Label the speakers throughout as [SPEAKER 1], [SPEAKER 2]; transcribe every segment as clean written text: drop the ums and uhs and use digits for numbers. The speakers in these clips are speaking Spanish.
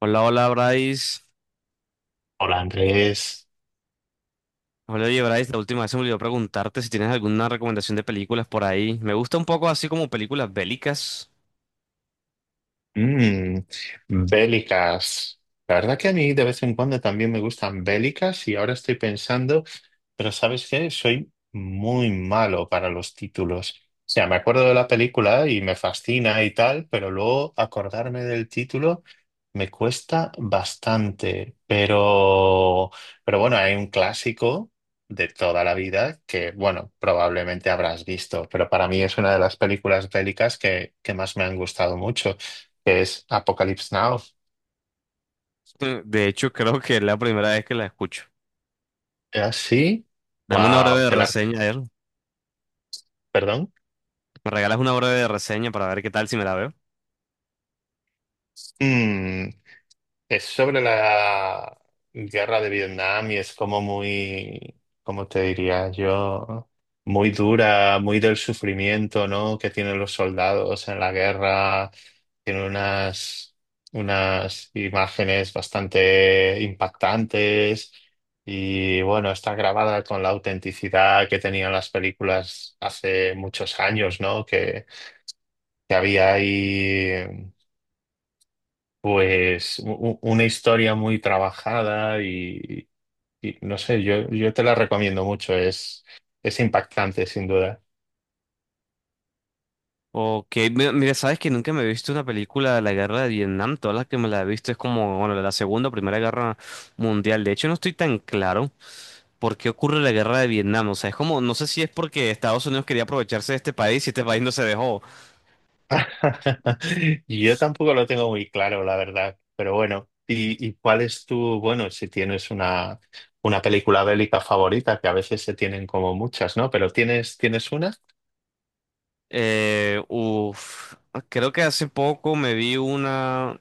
[SPEAKER 1] Hola, hola Bryce.
[SPEAKER 2] Hola Andrés.
[SPEAKER 1] Hola, oye Bryce, la última vez se me olvidó preguntarte si tienes alguna recomendación de películas por ahí. Me gusta un poco así como películas bélicas.
[SPEAKER 2] Mm, bélicas. La verdad que a mí de vez en cuando también me gustan bélicas y ahora estoy pensando, pero ¿sabes qué? Soy muy malo para los títulos. O sea, me acuerdo de la película y me fascina y tal, pero luego acordarme del título me cuesta bastante. Pero bueno, hay un clásico de toda la vida que, bueno, probablemente habrás visto, pero para mí es una de las películas bélicas que más me han gustado mucho, que es Apocalypse Now.
[SPEAKER 1] De hecho, creo que es la primera vez que la escucho.
[SPEAKER 2] ¿Es así?
[SPEAKER 1] Dame una
[SPEAKER 2] Wow,
[SPEAKER 1] breve reseña, a ver.
[SPEAKER 2] Perdón.
[SPEAKER 1] ¿Me regalas una breve reseña para ver qué tal si me la veo?
[SPEAKER 2] Es sobre la guerra de Vietnam y es como ¿cómo te diría yo? Muy dura, muy del sufrimiento, ¿no?, que tienen los soldados en la guerra. Tiene unas, unas imágenes bastante impactantes y bueno, está grabada con la autenticidad que tenían las películas hace muchos años, ¿no? Que había ahí. Pues una historia muy trabajada, y no sé, yo te la recomiendo mucho, es impactante sin duda.
[SPEAKER 1] Ok, mira, sabes que nunca me he visto una película de la guerra de Vietnam. Todas las que me la he visto es como, bueno, la segunda o primera guerra mundial. De hecho, no estoy tan claro por qué ocurre la guerra de Vietnam. O sea, es como, no sé si es porque Estados Unidos quería aprovecharse de este país y este país no se dejó.
[SPEAKER 2] Yo tampoco lo tengo muy claro, la verdad, pero bueno, y cuál es tu, bueno, si tienes una película bélica favorita, que a veces se tienen como muchas, ¿no? Pero tienes una?
[SPEAKER 1] Eh, uf, creo que hace poco me vi una,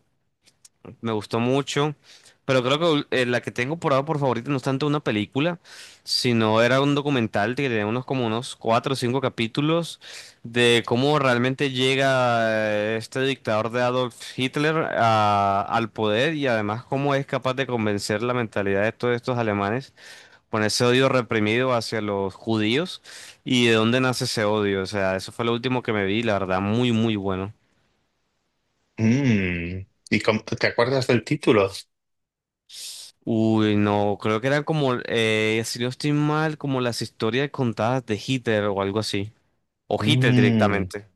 [SPEAKER 1] me gustó mucho, pero creo que la que tengo por ahora por favorita no es tanto una película, sino era un documental que tenía unos como unos 4 o 5 capítulos de cómo realmente llega este dictador de Adolf Hitler al poder y además cómo es capaz de convencer la mentalidad de todos estos alemanes con ese odio reprimido hacia los judíos y de dónde nace ese odio. O sea, eso fue lo último que me vi, la verdad, muy, muy bueno.
[SPEAKER 2] ¿Y te acuerdas del título?
[SPEAKER 1] Uy, no, creo que eran como, si no estoy mal, como las historias contadas de Hitler o algo así. O Hitler
[SPEAKER 2] Mm,
[SPEAKER 1] directamente.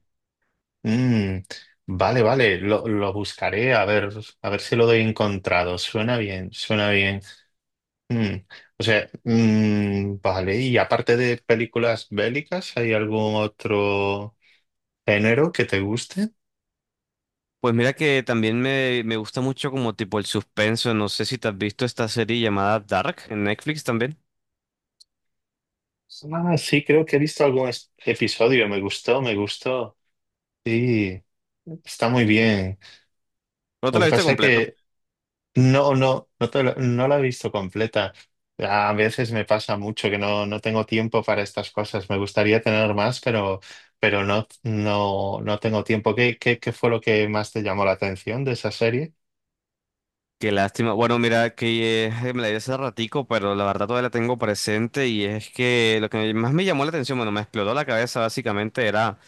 [SPEAKER 2] Mm, vale, vale, lo buscaré a ver si lo he encontrado. Suena bien, suena bien. Mm, o sea, vale, y aparte de películas bélicas, ¿hay algún otro género que te guste?
[SPEAKER 1] Pues mira que también me gusta mucho como tipo el suspenso. No sé si te has visto esta serie llamada Dark en Netflix también.
[SPEAKER 2] Ah, sí, creo que he visto algún episodio, me gustó. Sí, está muy bien.
[SPEAKER 1] ¿No te
[SPEAKER 2] Lo
[SPEAKER 1] la
[SPEAKER 2] que
[SPEAKER 1] viste
[SPEAKER 2] pasa es
[SPEAKER 1] completa?
[SPEAKER 2] que No, no, no, no la he visto completa. A veces me pasa mucho que no, no tengo tiempo para estas cosas. Me gustaría tener más, pero no, no, no tengo tiempo. Qué fue lo que más te llamó la atención de esa serie?
[SPEAKER 1] Qué lástima. Bueno, mira, que me la di hace ratico, pero la verdad todavía la tengo presente y es que lo que más me llamó la atención, bueno, me explotó la cabeza básicamente era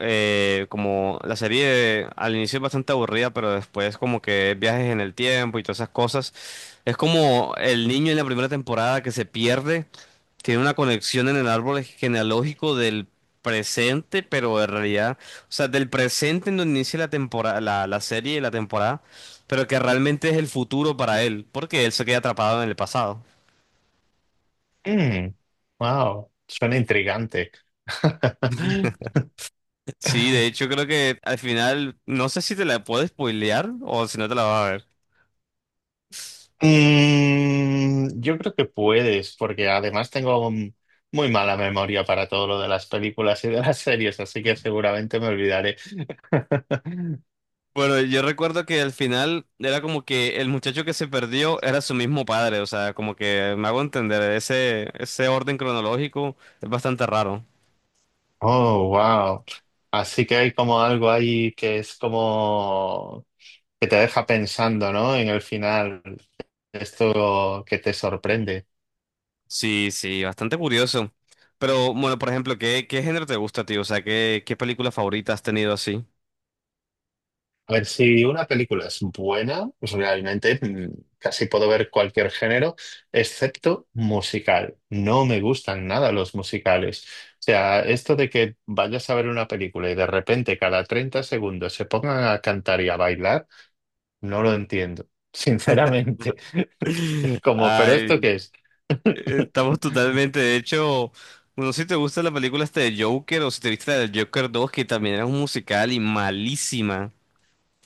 [SPEAKER 1] como la serie al inicio es bastante aburrida, pero después como que viajes en el tiempo y todas esas cosas. Es como el niño en la primera temporada que se pierde tiene una conexión en el árbol genealógico del presente, pero en realidad, o sea, del presente en donde inicia la temporada, la serie y la temporada, pero que realmente es el futuro para él, porque él se queda atrapado en el pasado.
[SPEAKER 2] Mm, wow, suena intrigante.
[SPEAKER 1] Sí, de hecho creo que al final, no sé si te la puedo spoilear o si no te la vas a ver.
[SPEAKER 2] Yo creo que puedes, porque además tengo muy mala memoria para todo lo de las películas y de las series, así que seguramente me olvidaré.
[SPEAKER 1] Bueno, yo recuerdo que al final era como que el muchacho que se perdió era su mismo padre, o sea, como que me hago entender, ese orden cronológico es bastante raro.
[SPEAKER 2] Oh, wow. Así que hay como algo ahí que es como que te deja pensando, ¿no? En el final, esto que te sorprende.
[SPEAKER 1] Sí, sí, bastante curioso. Pero bueno, por ejemplo, ¿qué género te gusta, tío? O sea, ¿qué película favorita has tenido así?
[SPEAKER 2] A ver, si una película es buena, pues realmente, casi puedo ver cualquier género, excepto musical. No me gustan nada los musicales. O sea, esto de que vayas a ver una película y de repente cada 30 segundos se pongan a cantar y a bailar, no lo entiendo, sinceramente. Es como, ¿pero
[SPEAKER 1] Ay,
[SPEAKER 2] esto qué es?
[SPEAKER 1] estamos totalmente, de hecho, bueno, si te gusta la película este de Joker o si te viste la del Joker dos que también era un musical y malísima.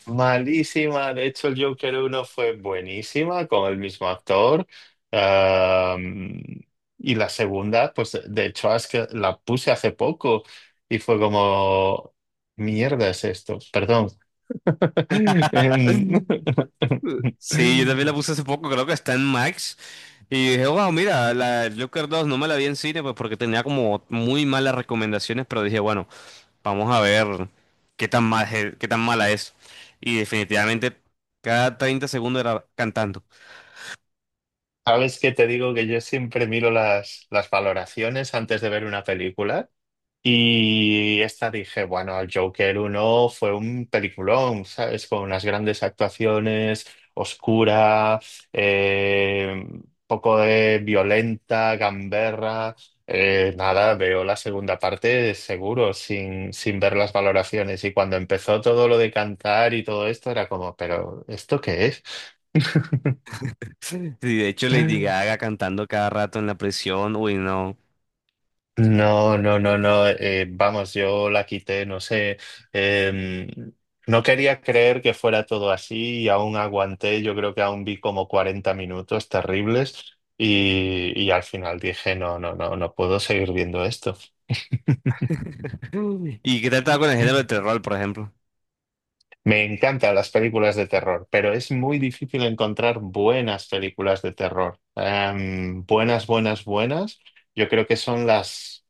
[SPEAKER 2] Malísima. De hecho, el Joker uno fue buenísima con el mismo actor. Am, y la segunda, pues de hecho, es que la puse hace poco y fue como, mierda es esto, perdón. Em,
[SPEAKER 1] Sí, yo también la puse hace poco, creo que está en Max. Y dije, wow, mira, la del Joker dos no me la vi en cine, pues porque tenía como muy malas recomendaciones, pero dije, bueno. Vamos a ver qué tan mal, qué tan mala es. Y definitivamente cada 30 segundos era cantando.
[SPEAKER 2] Sabes que te digo que yo siempre miro las valoraciones antes de ver una película. Y esta dije, bueno, el Joker uno fue un peliculón, ¿sabes? Con unas grandes actuaciones, oscura, eh, poco de violenta, gamberra. Nada, veo la segunda parte seguro, sin ver las valoraciones. Y cuando empezó todo lo de cantar y todo esto, era como, ¿pero esto qué es?
[SPEAKER 1] Y de hecho Lady Gaga cantando cada rato en la prisión, uy, no.
[SPEAKER 2] No, no, no, no. Vamos, yo la quité, no sé. em, no quería creer que fuera todo así y aún aguanté. Yo creo que aún vi como 40 minutos terribles, y al final dije, no, no, no, no puedo seguir viendo esto.
[SPEAKER 1] ¿Y qué tal estaba con el género de terror, por ejemplo?
[SPEAKER 2] Me encantan las películas de terror, pero es muy difícil encontrar buenas películas de terror. Buenas, buenas, buenas. Yo creo que son las...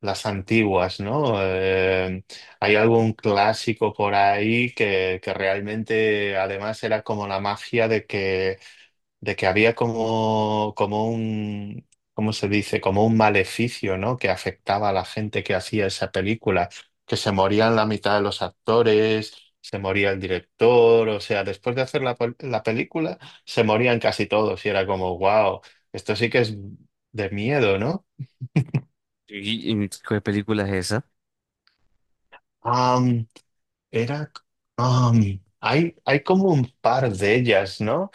[SPEAKER 2] Las antiguas, ¿no? Hay algún clásico por ahí que realmente además era como la magia de que había como, como un, ¿cómo se dice? Como un maleficio, ¿no?, que afectaba a la gente que hacía esa película, que se morían la mitad de los actores, se moría el director, o sea, después de hacer la película, se morían casi todos y era como, wow, esto sí que es de miedo, ¿no?
[SPEAKER 1] Y qué película es esa?
[SPEAKER 2] Era, hay, hay como un par de ellas, ¿no?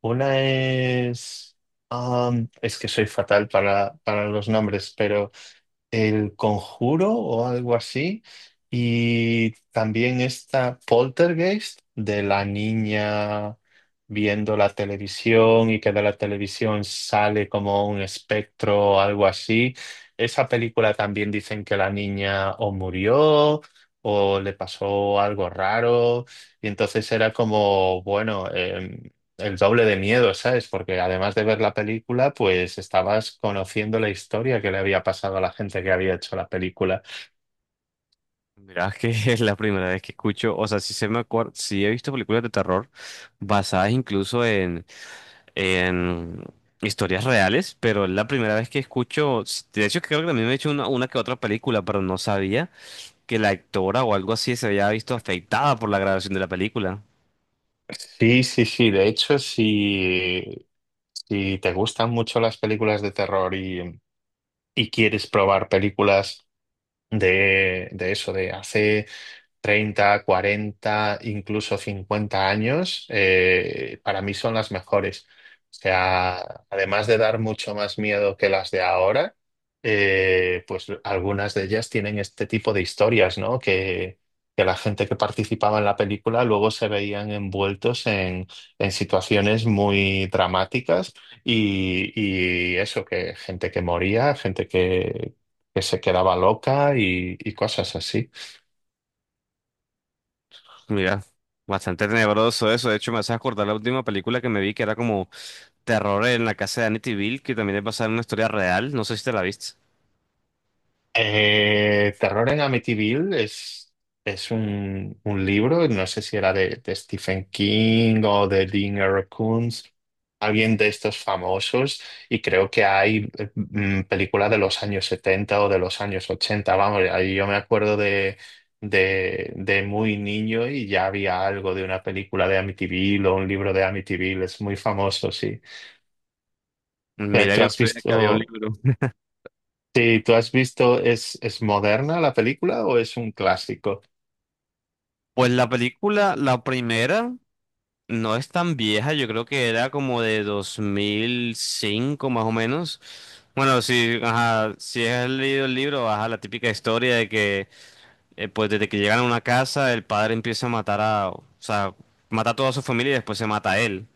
[SPEAKER 2] Una es, es que soy fatal para los nombres, pero el Conjuro o algo así. Y también está Poltergeist de la niña viendo la televisión y que de la televisión sale como un espectro o algo así. Esa película también dicen que la niña o murió o le pasó algo raro. Y entonces era como, bueno, el doble de miedo, ¿sabes? Porque además de ver la película, pues estabas conociendo la historia que le había pasado a la gente que había hecho la película.
[SPEAKER 1] Mirá que es la primera vez que escucho, o sea, sí se me acuerdo, sí he visto películas de terror basadas incluso en historias reales, pero es la primera vez que escucho, de hecho creo que también me he hecho una que otra película, pero no sabía que la actora o algo así se había visto afectada por la grabación de la película.
[SPEAKER 2] Sí, sí, sí. De hecho, si te gustan mucho las películas de terror, y quieres probar películas de eso, de hace 30, 40, incluso 50 años, para mí son las mejores. O sea, además de dar mucho más miedo que las de ahora, pues algunas de ellas tienen este tipo de historias, ¿no?, que la gente que participaba en la película luego se veían envueltos en situaciones muy dramáticas y eso, que gente que moría, que se quedaba loca y cosas así.
[SPEAKER 1] Mira, bastante tenebroso eso, de hecho me hace acordar la última película que me vi que era como terror en la casa de Bill, que también es basada en una historia real, no sé si te la viste.
[SPEAKER 2] Terror en Amityville es un libro, no sé si era de Stephen King o de Dean R. Kuntz, alguien de estos famosos, y creo que hay películas de los años 70 o de los años 80 vamos, ahí yo me acuerdo de muy niño y ya había algo de una película de Amityville o un libro de Amityville, es muy famoso, sí.
[SPEAKER 1] Mira que
[SPEAKER 2] ¿Tú
[SPEAKER 1] no
[SPEAKER 2] has
[SPEAKER 1] sabía que había un
[SPEAKER 2] visto?
[SPEAKER 1] libro.
[SPEAKER 2] Sí, ¿tú has visto, es moderna la película o es un clásico?
[SPEAKER 1] Pues la película, la primera, no es tan vieja, yo creo que era como de 2005 más o menos. Bueno, si, ajá, si has leído el libro, ajá, la típica historia de que pues desde que llegan a una casa el padre empieza a matar a, o sea, mata a toda su familia y después se mata a él.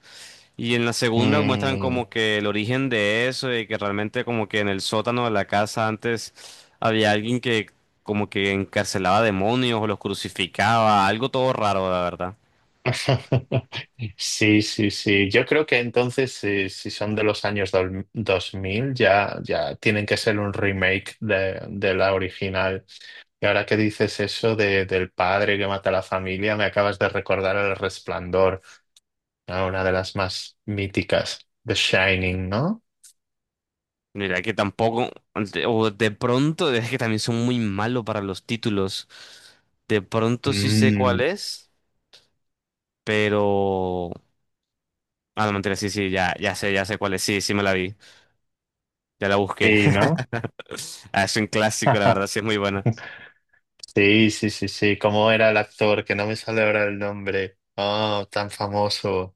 [SPEAKER 1] Y en la segunda muestran
[SPEAKER 2] Mm.
[SPEAKER 1] como que el origen de eso y que realmente como que en el sótano de la casa antes había alguien que como que encarcelaba demonios o los crucificaba, algo todo raro, la verdad.
[SPEAKER 2] Sí, sí, sí. Yo creo que entonces, si son de los años 2000 ya, ya tienen que ser un remake de la original. Y ahora que dices eso del padre que mata a la familia, me acabas de recordar El Resplandor, ¿no? Una de las más míticas, The Shining, ¿no?
[SPEAKER 1] Mira que tampoco, o de pronto, es que también son muy malos para los títulos. De pronto sí sé cuál
[SPEAKER 2] Mm,
[SPEAKER 1] es, pero... Ah, no, mentira, sí, sí, ya sé cuál es, sí, sí me la vi, ya la busqué.
[SPEAKER 2] sí, ¿no?
[SPEAKER 1] Ah, es un clásico, la verdad, sí es muy buena.
[SPEAKER 2] Sí, sí, sí, sí. ¿Cómo era el actor? Que no me sale ahora el nombre. Ah, tan famoso.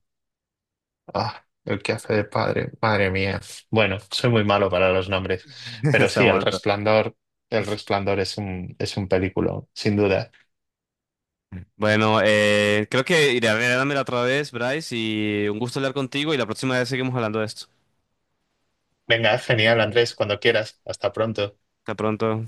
[SPEAKER 2] Ah, el que hace de padre. Madre mía. Bueno, soy muy malo para los nombres. Pero sí, El
[SPEAKER 1] Estamos
[SPEAKER 2] Resplandor. El Resplandor es un película, sin duda.
[SPEAKER 1] Bueno, creo que iré a verla otra vez, Bryce, y un gusto hablar contigo y la próxima vez seguimos hablando de esto.
[SPEAKER 2] Venga, genial, Andrés, cuando quieras. Hasta pronto.
[SPEAKER 1] Hasta pronto.